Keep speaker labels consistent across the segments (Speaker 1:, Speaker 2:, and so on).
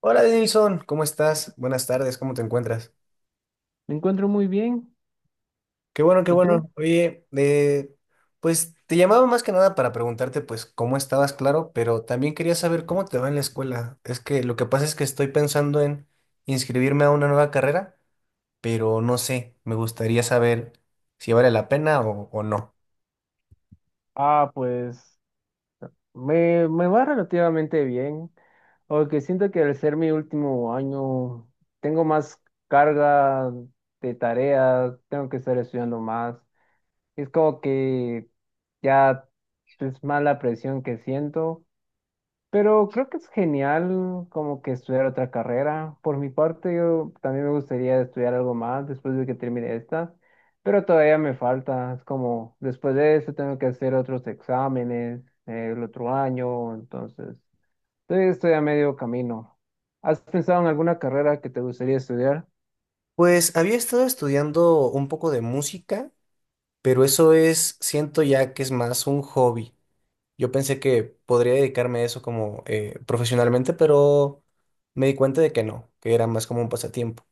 Speaker 1: Hola Denilson, ¿cómo estás? Buenas tardes, ¿cómo te encuentras?
Speaker 2: Me encuentro muy bien.
Speaker 1: Qué bueno, qué
Speaker 2: ¿Y tú?
Speaker 1: bueno. Oye, pues te llamaba más que nada para preguntarte pues cómo estabas, claro, pero también quería saber cómo te va en la escuela. Es que lo que pasa es que estoy pensando en inscribirme a una nueva carrera, pero no sé, me gustaría saber si vale la pena o no.
Speaker 2: Ah, pues me va relativamente bien, aunque siento que al ser mi último año tengo más carga de tareas, tengo que estar estudiando más. Es como que ya es más la presión que siento, pero creo que es genial como que estudiar otra carrera. Por mi parte, yo también me gustaría estudiar algo más después de que termine esta, pero todavía me falta. Es como, después de eso tengo que hacer otros exámenes el otro año, entonces todavía estoy a medio camino. ¿Has pensado en alguna carrera que te gustaría estudiar?
Speaker 1: Pues había estado estudiando un poco de música, pero eso es, siento ya que es más un hobby. Yo pensé que podría dedicarme a eso como profesionalmente, pero me di cuenta de que no, que era más como un pasatiempo.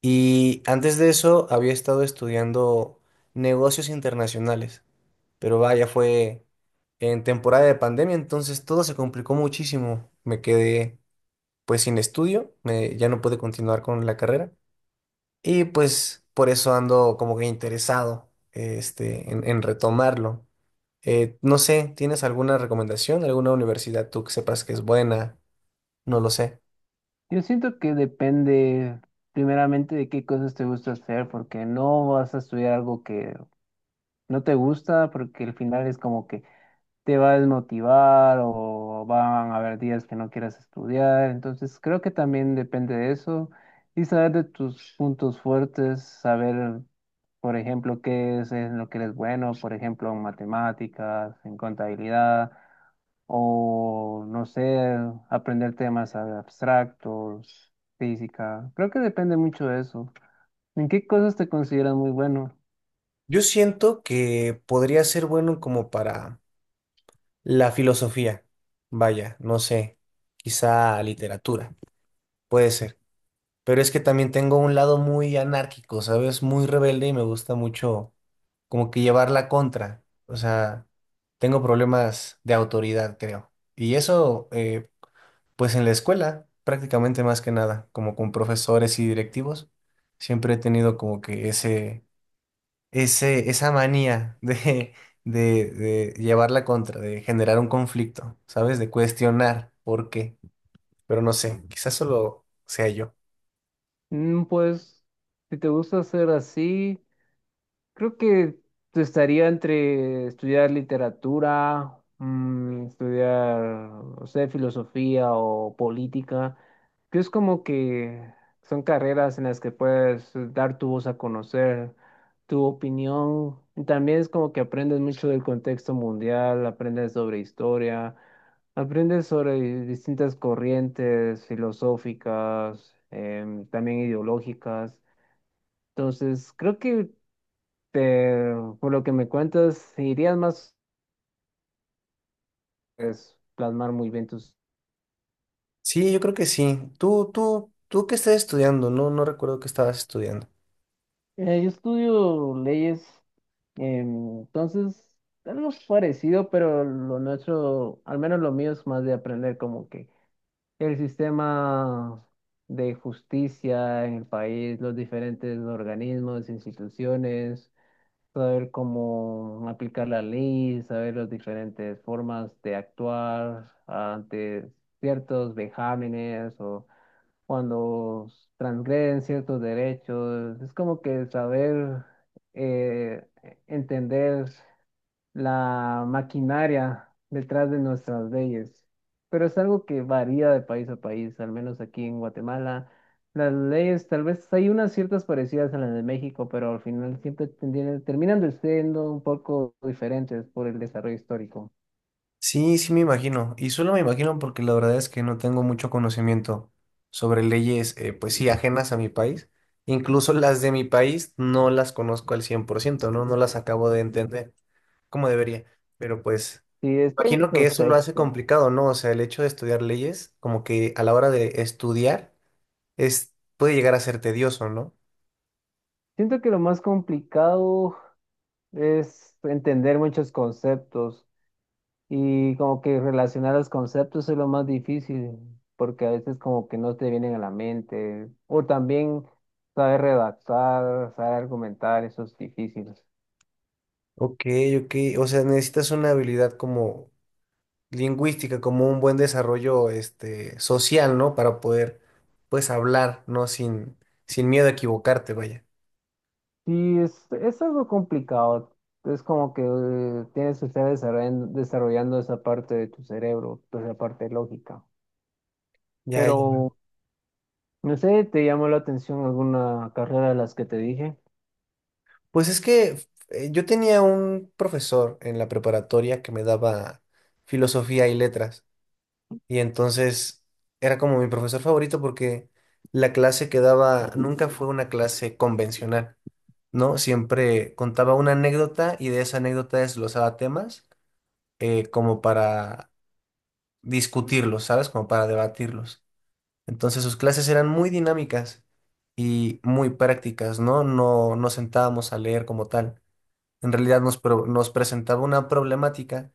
Speaker 1: Y antes de eso había estado estudiando negocios internacionales, pero vaya, fue en temporada de pandemia, entonces todo se complicó muchísimo. Me quedé pues sin estudio, ya no pude continuar con la carrera y pues por eso ando como que interesado este, en retomarlo. No sé, ¿tienes alguna recomendación? ¿Alguna universidad tú que sepas que es buena? No lo sé.
Speaker 2: Yo siento que depende primeramente de qué cosas te gusta hacer, porque no vas a estudiar algo que no te gusta, porque al final es como que te va a desmotivar o van a haber días que no quieras estudiar. Entonces, creo que también depende de eso y saber de tus puntos fuertes, saber, por ejemplo, qué es en lo que eres bueno, por ejemplo, en matemáticas, en contabilidad o, no sé, aprender temas abstractos, física. Creo que depende mucho de eso. ¿En qué cosas te consideras muy bueno?
Speaker 1: Yo siento que podría ser bueno como para la filosofía. Vaya, no sé, quizá literatura, puede ser. Pero es que también tengo un lado muy anárquico, ¿sabes? Muy rebelde y me gusta mucho como que llevar la contra. O sea, tengo problemas de autoridad, creo. Y eso, pues en la escuela, prácticamente más que nada, como con profesores y directivos, siempre he tenido como que esa manía de, de llevar la contra, de generar un conflicto, ¿sabes? De cuestionar por qué. Pero no sé, quizás solo sea yo.
Speaker 2: Mm, pues, si te gusta hacer así. Creo que te estaría entre estudiar literatura, estudiar, no sé, filosofía o política, que es como que son carreras en las que puedes dar tu voz a conocer, tu opinión. Y también es como que aprendes mucho del contexto mundial, aprendes sobre historia, aprendes sobre distintas corrientes filosóficas, también ideológicas. Entonces, creo que te- por lo que me cuentas, irías más, pues, plasmar muy bien tus.
Speaker 1: Sí, yo creo que sí. Tú qué estás estudiando, no recuerdo qué estabas estudiando.
Speaker 2: Yo estudio leyes, entonces algo parecido, pero lo nuestro, al menos lo mío es más de aprender como que el sistema de justicia en el país, los diferentes organismos, instituciones, saber cómo aplicar la ley, saber las diferentes formas de actuar ante ciertos vejámenes o cuando transgreden ciertos derechos. Es como que saber eh, entender la maquinaria detrás de nuestras leyes. Pero es algo que varía de país a país, al menos aquí en Guatemala. Las leyes, tal vez hay unas ciertas parecidas a las de México, pero al final siempre terminan de siendo un poco diferentes por el desarrollo histórico.
Speaker 1: Sí, sí me imagino. Y solo me imagino porque la verdad es que no tengo mucho conocimiento sobre leyes, pues sí, ajenas a mi país. Incluso las de mi país no las conozco al cien por ciento, ¿no? No las acabo de entender como debería. Pero pues,
Speaker 2: Sí, es que hay
Speaker 1: imagino que
Speaker 2: mucho
Speaker 1: eso lo hace
Speaker 2: texto.
Speaker 1: complicado, ¿no? O sea, el hecho de estudiar leyes, como que a la hora de estudiar, es, puede llegar a ser tedioso, ¿no?
Speaker 2: Siento que lo más complicado es entender muchos conceptos y como que relacionar los conceptos es lo más difícil, porque a veces como que no te vienen a la mente. O también saber redactar, saber argumentar, eso es difícil.
Speaker 1: Ok, ok. O sea, necesitas una habilidad como lingüística como un buen desarrollo este, social, ¿no? Para poder, pues, hablar, ¿no? Sin miedo a equivocarte, vaya.
Speaker 2: Sí, es algo complicado. Es como que tienes que estar desarrollando esa parte de tu cerebro, pues, esa parte lógica.
Speaker 1: Ya, ya.
Speaker 2: Pero, no sé, ¿te llamó la atención alguna carrera de las que te dije?
Speaker 1: Pues es que yo tenía un profesor en la preparatoria que me daba filosofía y letras, y entonces era como mi profesor favorito porque la clase que daba nunca fue una clase convencional, ¿no? Siempre contaba una anécdota y de esa anécdota desglosaba temas como para discutirlos, ¿sabes? Como para debatirlos. Entonces sus clases eran muy dinámicas y muy prácticas, ¿no? No nos sentábamos a leer como tal. En realidad nos presentaba una problemática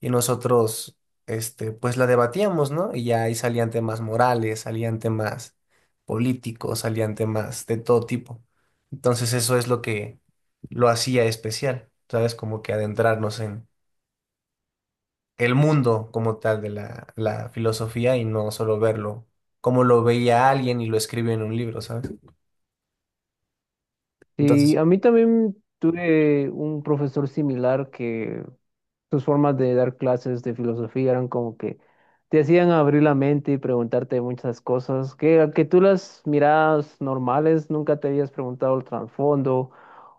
Speaker 1: y nosotros, este, pues la debatíamos, ¿no? Y ya ahí salían temas morales, salían temas políticos, salían temas de todo tipo. Entonces eso es lo que lo hacía especial, ¿sabes? Como que adentrarnos el mundo como tal de la filosofía y no solo verlo como lo veía alguien y lo escribió en un libro, ¿sabes?
Speaker 2: Sí,
Speaker 1: Entonces,
Speaker 2: a mí también tuve un profesor similar que sus formas de dar clases de filosofía eran como que te hacían abrir la mente y preguntarte muchas cosas que, a que tú las mirabas normales, nunca te habías preguntado el trasfondo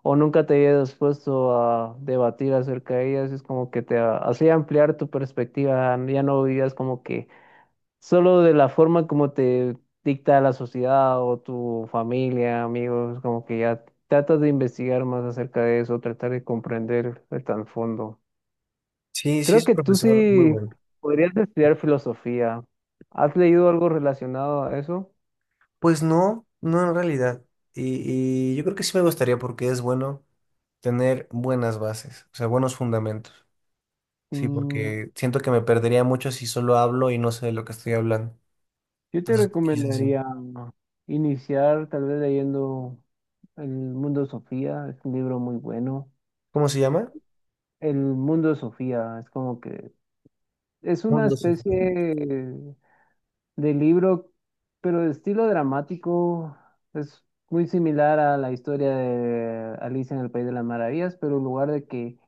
Speaker 2: o nunca te habías puesto a debatir acerca de ellas. Es como que hacía ampliar tu perspectiva, ya no vivías como que solo de la forma como te dicta la sociedad o tu familia, amigos, como que ya tratas de investigar más acerca de eso, tratar de comprender el trasfondo.
Speaker 1: sí, sí
Speaker 2: Creo
Speaker 1: es un
Speaker 2: que tú
Speaker 1: profesor muy
Speaker 2: sí
Speaker 1: bueno.
Speaker 2: podrías estudiar filosofía. ¿Has leído algo relacionado a eso?
Speaker 1: Pues no, no en realidad. Y yo creo que sí me gustaría porque es bueno tener buenas bases, o sea, buenos fundamentos. Sí,
Speaker 2: Mm,
Speaker 1: porque siento que me perdería mucho si solo hablo y no sé de lo que estoy hablando.
Speaker 2: yo te
Speaker 1: Entonces, quizás sí.
Speaker 2: recomendaría iniciar tal vez leyendo El Mundo de Sofía, es un libro muy bueno.
Speaker 1: ¿Cómo se llama?
Speaker 2: El Mundo de Sofía es como que es una
Speaker 1: Mundo Sofía.
Speaker 2: especie de libro, pero de estilo dramático es muy similar a la historia de Alicia en el País de las Maravillas, pero en lugar de que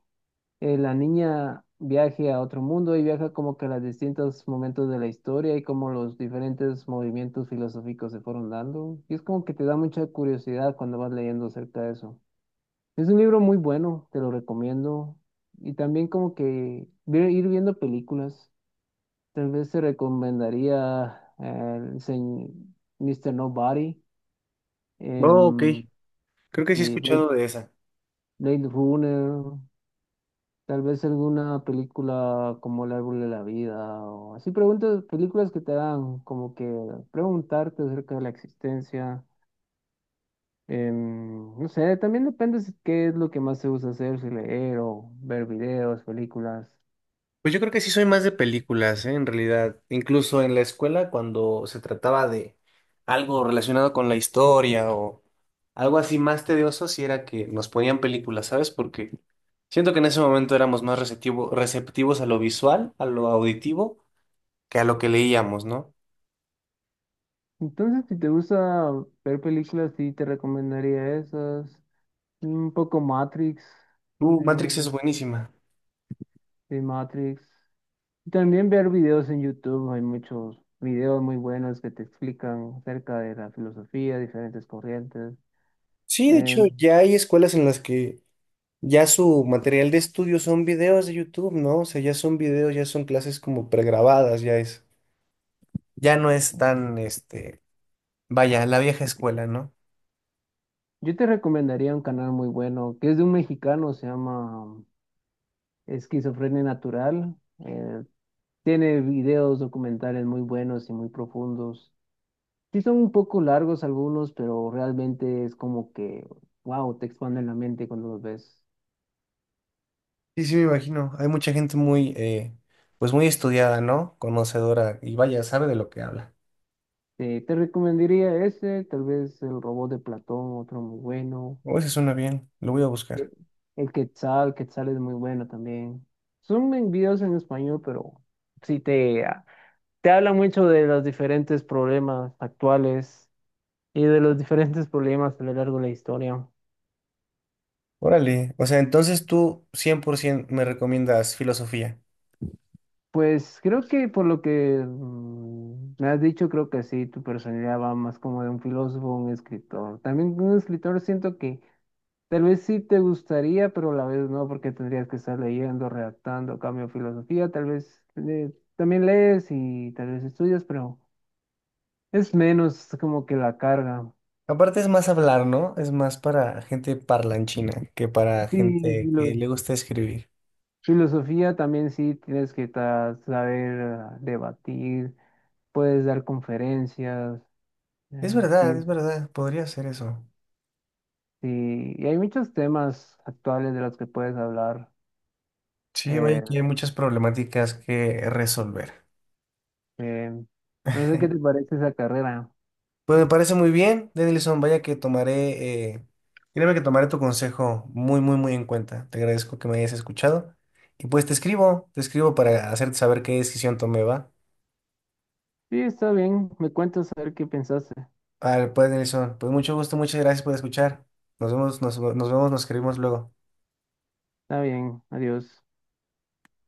Speaker 2: la niña viaje a otro mundo y viaja como que a los distintos momentos de la historia y como los diferentes movimientos filosóficos se fueron dando. Y es como que te da mucha curiosidad cuando vas leyendo acerca de eso. Es un libro muy bueno, te lo recomiendo. Y también como que ir viendo películas. Tal vez te recomendaría Mr. Nobody,
Speaker 1: Oh, ok.
Speaker 2: em,
Speaker 1: Creo que sí he
Speaker 2: y Blade,
Speaker 1: escuchado de esa.
Speaker 2: Blade Runner, tal vez alguna película como El Árbol de la Vida, o así preguntas, películas que te dan como que preguntarte acerca de la existencia. No sé, también depende qué es lo que más te gusta hacer, si leer o ver videos, películas.
Speaker 1: Pues yo creo que sí soy más de películas, ¿eh? En realidad, incluso en la escuela cuando se trataba de algo relacionado con la historia o algo así más tedioso, sí era que nos ponían películas, ¿sabes? Porque siento que en ese momento éramos más receptivos a lo visual, a lo auditivo, que a lo que leíamos, ¿no?
Speaker 2: Entonces, si te gusta ver películas, sí te recomendaría esas. Un poco Matrix, eh,
Speaker 1: Matrix es buenísima.
Speaker 2: de Matrix. Y también ver videos en YouTube, hay muchos videos muy buenos que te explican acerca de la filosofía, diferentes corrientes.
Speaker 1: Sí, de hecho,
Speaker 2: Eh,
Speaker 1: ya hay escuelas en las que ya su material de estudio son videos de YouTube, ¿no? O sea, ya son videos, ya son clases como pregrabadas, ya es. Ya no es tan, este, vaya, la vieja escuela, ¿no?
Speaker 2: yo te recomendaría un canal muy bueno, que es de un mexicano, se llama Esquizofrenia Natural. Eh, tiene videos documentales muy buenos y muy profundos. Sí son un poco largos algunos, pero realmente es como que, wow, te expanden la mente cuando los ves.
Speaker 1: Sí, sí, me imagino. Hay mucha gente muy, pues muy estudiada, ¿no? Conocedora y vaya, sabe de lo que habla.
Speaker 2: Te recomendaría ese, tal vez el robot de Platón, otro muy bueno.
Speaker 1: Oh, eso suena bien, lo voy a
Speaker 2: Eh,
Speaker 1: buscar.
Speaker 2: El Quetzal, Quetzal es muy bueno también. Son en videos en español, pero ah, te habla mucho de los diferentes problemas actuales y de los diferentes problemas a lo largo de la historia.
Speaker 1: Órale, o sea, entonces tú 100% me recomiendas filosofía.
Speaker 2: Pues creo que por lo que me has dicho, creo que sí, tu personalidad va más como de un filósofo, un escritor. También un escritor siento que tal vez sí te gustaría, pero a la vez no, porque tendrías que estar leyendo, redactando, cambio de filosofía, tal vez también lees y tal vez estudias, pero es menos como que la carga.
Speaker 1: Aparte es más hablar, ¿no? Es más para gente parlanchina que para
Speaker 2: Sí,
Speaker 1: gente que
Speaker 2: filo-
Speaker 1: le gusta escribir.
Speaker 2: filosofía también sí tienes que saber ah, debatir, puedes dar conferencias, eh, sí,
Speaker 1: Es verdad, podría ser eso.
Speaker 2: sí, y hay muchos temas actuales de los que puedes hablar.
Speaker 1: Sí, vaya
Speaker 2: eh,
Speaker 1: que hay muchas problemáticas que resolver.
Speaker 2: eh, no sé qué te parece esa carrera.
Speaker 1: Pues me parece muy bien, Denilson. Vaya que tomaré, créeme que tomaré tu consejo muy, muy, muy en cuenta. Te agradezco que me hayas escuchado. Y pues te escribo para hacerte saber qué decisión tomé, ¿va?
Speaker 2: Sí, está bien, me cuentas a ver qué pensaste.
Speaker 1: Al pues Denilson, pues mucho gusto, muchas gracias por escuchar. Nos vemos, nos vemos, nos escribimos luego.
Speaker 2: Está bien, adiós.